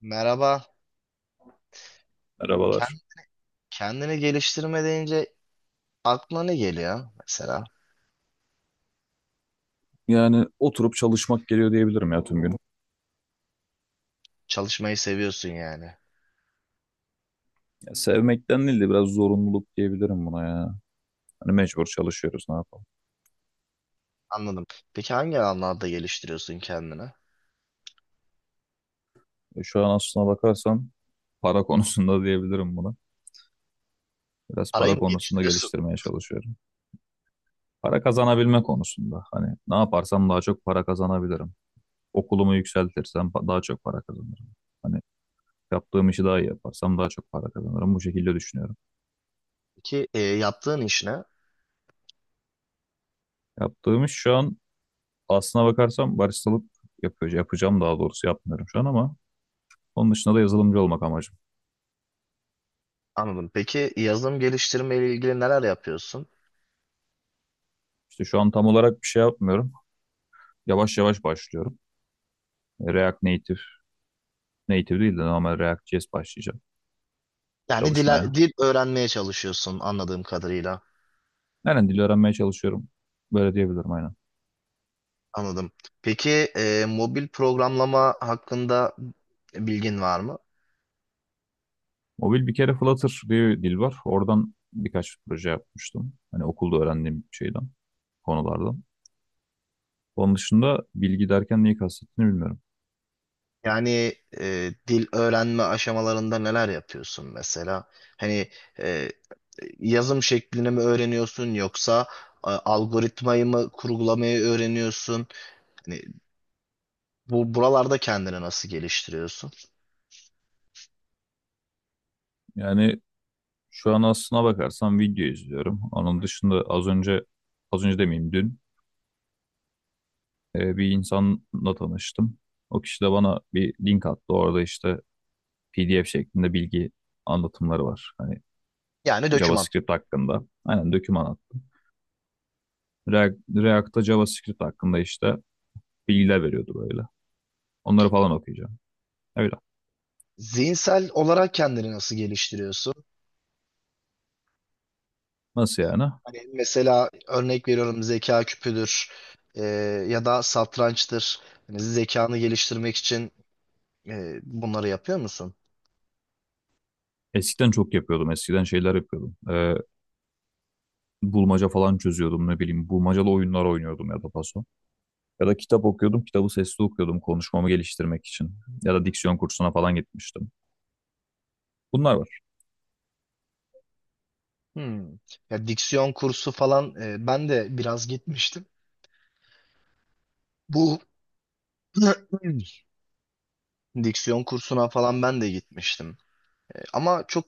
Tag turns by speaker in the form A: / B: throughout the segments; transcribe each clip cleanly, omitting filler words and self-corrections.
A: Merhaba.
B: Merhabalar.
A: Ken- Kendini geliştirme deyince aklına ne geliyor mesela?
B: Yani oturup çalışmak geliyor diyebilirim ya tüm gün.
A: Çalışmayı seviyorsun yani.
B: Ya sevmekten değil de biraz zorunluluk diyebilirim buna ya. Hani mecbur çalışıyoruz ne yapalım.
A: Anladım. Peki hangi alanlarda geliştiriyorsun kendini?
B: Şu an aslına bakarsan para konusunda diyebilirim buna. Biraz
A: Parayı
B: para
A: mı
B: konusunda
A: geliştiriyorsun?
B: geliştirmeye çalışıyorum. Para kazanabilme konusunda. Hani ne yaparsam daha çok para kazanabilirim. Okulumu yükseltirsem daha çok para kazanırım. Hani yaptığım işi daha iyi yaparsam daha çok para kazanırım. Bu şekilde düşünüyorum.
A: Peki yaptığın iş ne?
B: Yaptığım iş şu an aslına bakarsam baristalık yapıyor, yapacağım daha doğrusu yapmıyorum şu an ama onun dışında da yazılımcı olmak amacım.
A: Anladım. Peki yazılım geliştirme ile ilgili neler yapıyorsun?
B: İşte şu an tam olarak bir şey yapmıyorum. Yavaş yavaş başlıyorum. React Native, Native değil de normal React.js başlayacağım
A: Yani dil,
B: çalışmaya.
A: dil öğrenmeye çalışıyorsun anladığım kadarıyla.
B: Aynen dil öğrenmeye çalışıyorum. Böyle diyebilirim aynen.
A: Anladım. Peki mobil programlama hakkında bilgin var mı?
B: Mobil bir kere Flutter diye bir dil var. Oradan birkaç proje yapmıştım. Hani okulda öğrendiğim şeyden, konulardan. Onun dışında bilgi derken neyi kastettiğini bilmiyorum.
A: Yani dil öğrenme aşamalarında neler yapıyorsun mesela? Hani e, yazım şeklini mi öğreniyorsun yoksa algoritmayı mı kurgulamayı öğreniyorsun? Hani buralarda kendini nasıl geliştiriyorsun?
B: Yani şu an aslına bakarsam video izliyorum. Onun dışında az önce, az önce demeyeyim dün bir insanla tanıştım. O kişi de bana bir link attı. Orada işte PDF şeklinde bilgi anlatımları var. Hani
A: Yani döküman.
B: JavaScript hakkında. Aynen doküman attım. React'ta JavaScript hakkında işte bilgiler veriyordu böyle. Onları falan okuyacağım. Öyle.
A: Zihinsel olarak kendini nasıl geliştiriyorsun?
B: Nasıl yani?
A: Hani mesela örnek veriyorum zeka küpüdür e, ya da satrançtır. Hani zekanı geliştirmek için bunları yapıyor musun?
B: Eskiden çok yapıyordum. Eskiden şeyler yapıyordum. Bulmaca falan çözüyordum ne bileyim. Bulmacalı oyunlar oynuyordum ya da paso. Ya da kitap okuyordum. Kitabı sesli okuyordum konuşmamı geliştirmek için. Ya da diksiyon kursuna falan gitmiştim. Bunlar.
A: Hmm. Ya diksiyon kursu falan ben de biraz gitmiştim. Bu diksiyon kursuna falan ben de gitmiştim. E, ama çok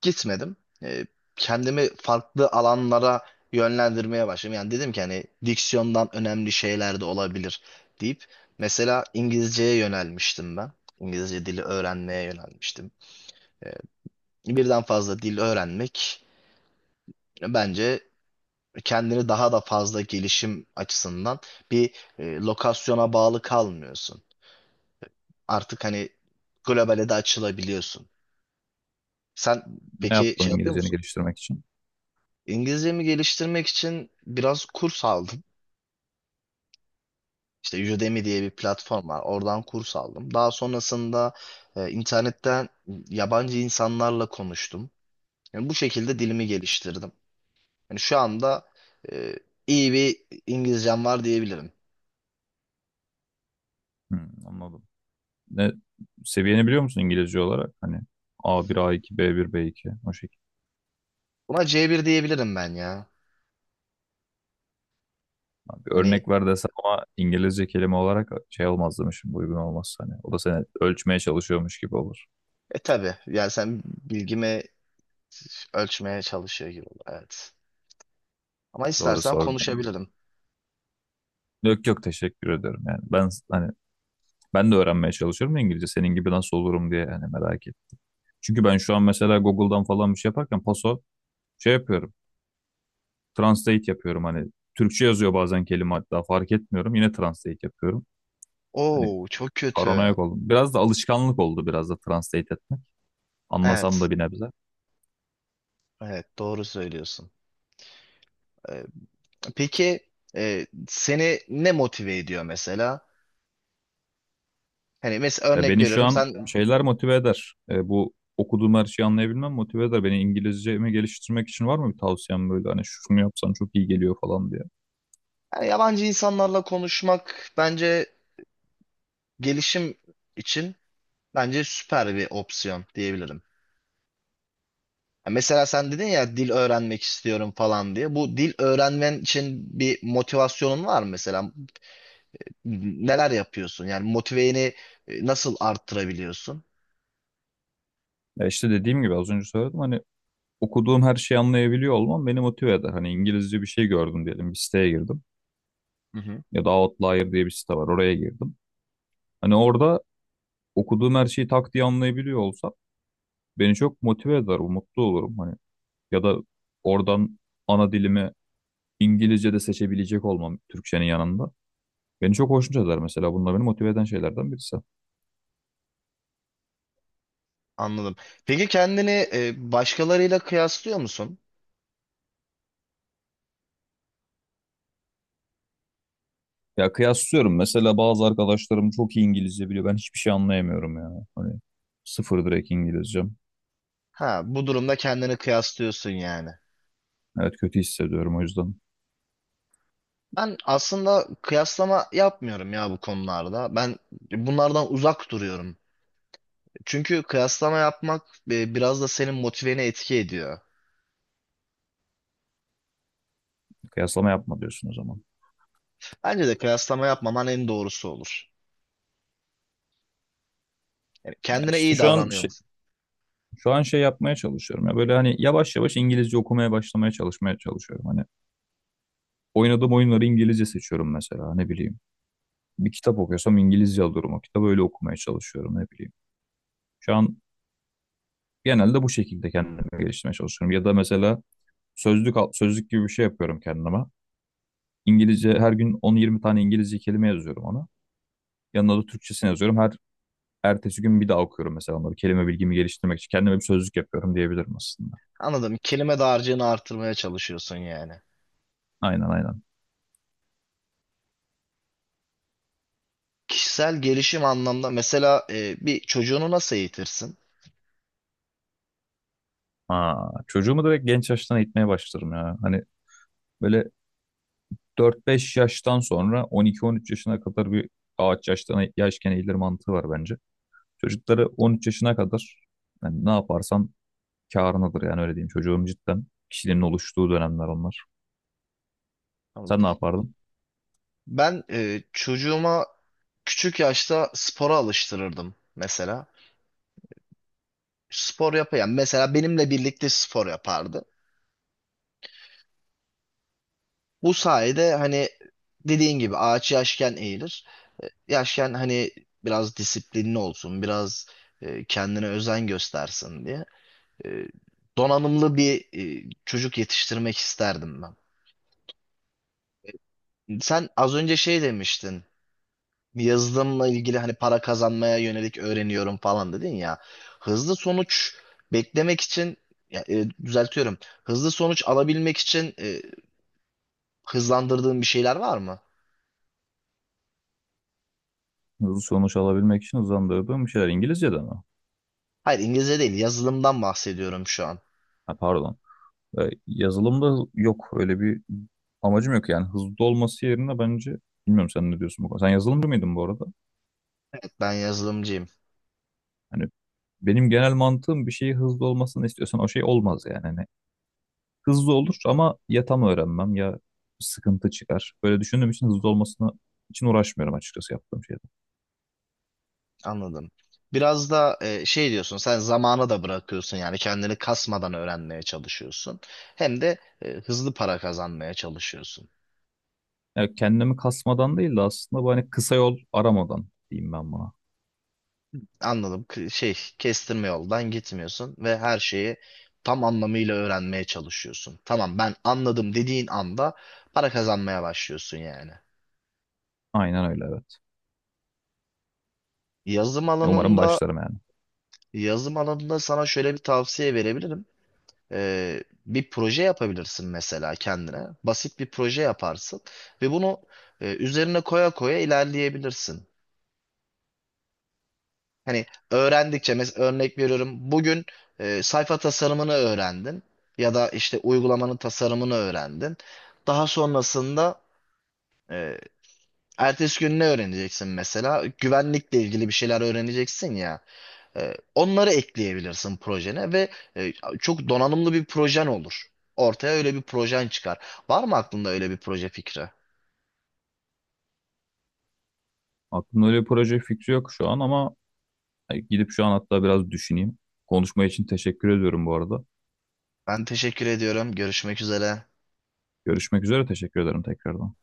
A: gitmedim. E, kendimi farklı alanlara yönlendirmeye başladım. Yani dedim ki hani diksiyondan önemli şeyler de olabilir deyip mesela İngilizceye yönelmiştim ben. İngilizce dili öğrenmeye yönelmiştim. E, birden fazla dil öğrenmek bence kendini daha da fazla gelişim açısından bir lokasyona bağlı kalmıyorsun. Artık hani globale de açılabiliyorsun. Sen
B: Ne
A: peki
B: yaptın
A: şey yapıyor
B: İngilizceni
A: musun?
B: geliştirmek için?
A: İngilizcemi geliştirmek için biraz kurs aldım. İşte Udemy diye bir platform var. Oradan kurs aldım. Daha sonrasında internetten yabancı insanlarla konuştum. Yani bu şekilde dilimi geliştirdim. Yani şu anda e, iyi bir İngilizcem var diyebilirim.
B: Hmm, anladım. Ne seviyeni biliyor musun İngilizce olarak? Hani A1, A2, B1, B2 o şekilde.
A: Buna C1 diyebilirim ben ya.
B: Abi bir
A: Yani
B: örnek ver desem ama İngilizce kelime olarak şey olmaz demişim. Uygun olmaz hani. O da seni ölçmeye çalışıyormuş gibi olur.
A: E tabii yani sen bilgimi ölçmeye çalışıyor gibi oldu. Evet. Ama
B: Doğru
A: istersen
B: sordun.
A: konuşabilirim.
B: Yok, yok, teşekkür ederim. Yani ben hani ben de öğrenmeye çalışıyorum ya İngilizce. Senin gibi nasıl olurum diye hani merak ettim. Çünkü ben şu an mesela Google'dan falan bir şey yaparken paso şey yapıyorum. Translate yapıyorum hani Türkçe yazıyor bazen kelime hatta fark etmiyorum yine translate yapıyorum. Hani
A: Oo çok kötü.
B: paranoyak oldum. Biraz da alışkanlık oldu biraz da translate etmek. Anlasam
A: Evet.
B: da bir nebze.
A: Evet doğru söylüyorsun. Ee, peki seni ne motive ediyor mesela? Hani mesela
B: Ve
A: örnek
B: beni şu
A: veriyorum
B: an şeyler motive eder. Bu okuduğum her şeyi anlayabilmem motive eder. Beni İngilizcemi geliştirmek için var mı bir tavsiyem böyle hani şunu yapsan çok iyi geliyor falan diye.
A: yani yabancı insanlarla konuşmak bence gelişim için bence süper bir opsiyon diyebilirim. Ya mesela sen dedin ya dil öğrenmek istiyorum falan diye. Bu dil öğrenmen için bir motivasyonun var mı mesela? Neler yapıyorsun? Yani motiveni nasıl arttırabiliyorsun?
B: Ya işte dediğim gibi az önce söyledim hani okuduğum her şeyi anlayabiliyor olmam beni motive eder. Hani İngilizce bir şey gördüm diyelim bir siteye girdim
A: Hı hı.
B: ya da Outlier diye bir site var oraya girdim. Hani orada okuduğum her şeyi tak diye anlayabiliyor olsam beni çok motive eder, mutlu olurum hani. Ya da oradan ana dilimi İngilizce de seçebilecek olmam Türkçenin yanında. Beni çok hoşnut eder mesela. Bunlar beni motive eden şeylerden birisi.
A: Anladım. Peki kendini başkalarıyla kıyaslıyor musun?
B: Ya, kıyaslıyorum. Mesela bazı arkadaşlarım çok iyi İngilizce biliyor. Ben hiçbir şey anlayamıyorum ya. Hani sıfır direkt İngilizcem.
A: Ha, bu durumda kendini kıyaslıyorsun yani.
B: Evet, kötü hissediyorum o yüzden.
A: Ben aslında kıyaslama yapmıyorum ya bu konularda. Ben bunlardan uzak duruyorum. Çünkü kıyaslama yapmak biraz da senin motiveni etki ediyor.
B: Kıyaslama yapma diyorsun o zaman.
A: Bence de kıyaslama yapmaman en doğrusu olur. Yani
B: Ya
A: kendine
B: işte
A: iyi
B: şu an
A: davranıyor
B: şey,
A: musun?
B: şu an şey yapmaya çalışıyorum. Ya böyle hani yavaş yavaş İngilizce okumaya başlamaya çalışmaya çalışıyorum. Hani oynadığım oyunları İngilizce seçiyorum mesela ne bileyim. Bir kitap okuyorsam İngilizce alıyorum o kitabı öyle okumaya çalışıyorum ne bileyim. Şu an genelde bu şekilde kendimi geliştirmeye çalışıyorum. Ya da mesela sözlük gibi bir şey yapıyorum kendime. İngilizce her gün 10-20 tane İngilizce kelime yazıyorum ona. Yanına da Türkçesini yazıyorum. Her ertesi gün bir daha okuyorum mesela onları. Kelime bilgimi geliştirmek için kendime bir sözlük yapıyorum diyebilirim aslında.
A: Anladım. Kelime dağarcığını artırmaya çalışıyorsun yani.
B: Aynen, aynen.
A: Kişisel gelişim anlamda mesela bir çocuğunu nasıl eğitirsin?
B: Aa, çocuğumu direkt genç yaştan eğitmeye başlarım ya. Hani böyle 4-5 yaştan sonra 12-13 yaşına kadar bir ağaç yaştan yaşken eğilir mantığı var bence. Çocukları 13 yaşına kadar yani ne yaparsan kârınadır yani öyle diyeyim. Çocuğun cidden kişiliğinin oluştuğu dönemler onlar.
A: Tamam.
B: Sen ne yapardın?
A: Ben çocuğuma küçük yaşta spora alıştırırdım mesela. Spor yapayan mesela benimle birlikte spor yapardı. Bu sayede hani dediğin gibi ağaç yaşken eğilir. Yaşken hani biraz disiplinli olsun, biraz kendine özen göstersin diye. E, donanımlı bir çocuk yetiştirmek isterdim ben. Sen az önce şey demiştin. Yazılımla ilgili hani para kazanmaya yönelik öğreniyorum falan dedin ya. Hızlı sonuç beklemek için ya, düzeltiyorum. Hızlı sonuç alabilmek için hızlandırdığın bir şeyler var mı?
B: Hızlı sonuç alabilmek için hızlandırdığım bir şeyler İngilizce'de mi?
A: Hayır İngilizce değil, yazılımdan bahsediyorum şu an.
B: Ha, pardon. Yazılımda yok öyle bir amacım yok yani hızlı olması yerine bence bilmiyorum sen ne diyorsun bu konuda. Sen yazılımcı mıydın bu arada?
A: Ben yazılımcıyım.
B: Hani benim genel mantığım bir şeyi hızlı olmasını istiyorsan o şey olmaz yani. Hızlı olur ama ya tam öğrenmem ya sıkıntı çıkar. Böyle düşündüğüm için hızlı olmasına için uğraşmıyorum açıkçası yaptığım şeyde.
A: Anladım. Biraz da şey diyorsun, sen zamana da bırakıyorsun yani kendini kasmadan öğrenmeye çalışıyorsun. Hem de hızlı para kazanmaya çalışıyorsun.
B: Yani kendimi kasmadan değil de aslında bu hani kısa yol aramadan diyeyim ben buna.
A: Anladım. Şey, kestirme yoldan gitmiyorsun ve her şeyi tam anlamıyla öğrenmeye çalışıyorsun. Tamam, ben anladım dediğin anda para kazanmaya başlıyorsun yani.
B: Aynen öyle, evet.
A: Yazım
B: Umarım
A: alanında
B: başlarım yani.
A: yazım alanında sana şöyle bir tavsiye verebilirim. Bir proje yapabilirsin mesela kendine. Basit bir proje yaparsın ve bunu üzerine koya koya ilerleyebilirsin. Hani öğrendikçe mesela örnek veriyorum bugün sayfa tasarımını öğrendin ya da işte uygulamanın tasarımını öğrendin. Daha sonrasında e, ertesi gün ne öğreneceksin mesela? Güvenlikle ilgili bir şeyler öğreneceksin ya. E, onları ekleyebilirsin projene ve e, çok donanımlı bir projen olur. Ortaya öyle bir projen çıkar. Var mı aklında öyle bir proje fikri?
B: Aklımda öyle bir proje fikri yok şu an ama gidip şu an hatta biraz düşüneyim. Konuşma için teşekkür ediyorum bu arada.
A: Ben teşekkür ediyorum. Görüşmek üzere.
B: Görüşmek üzere, teşekkür ederim tekrardan.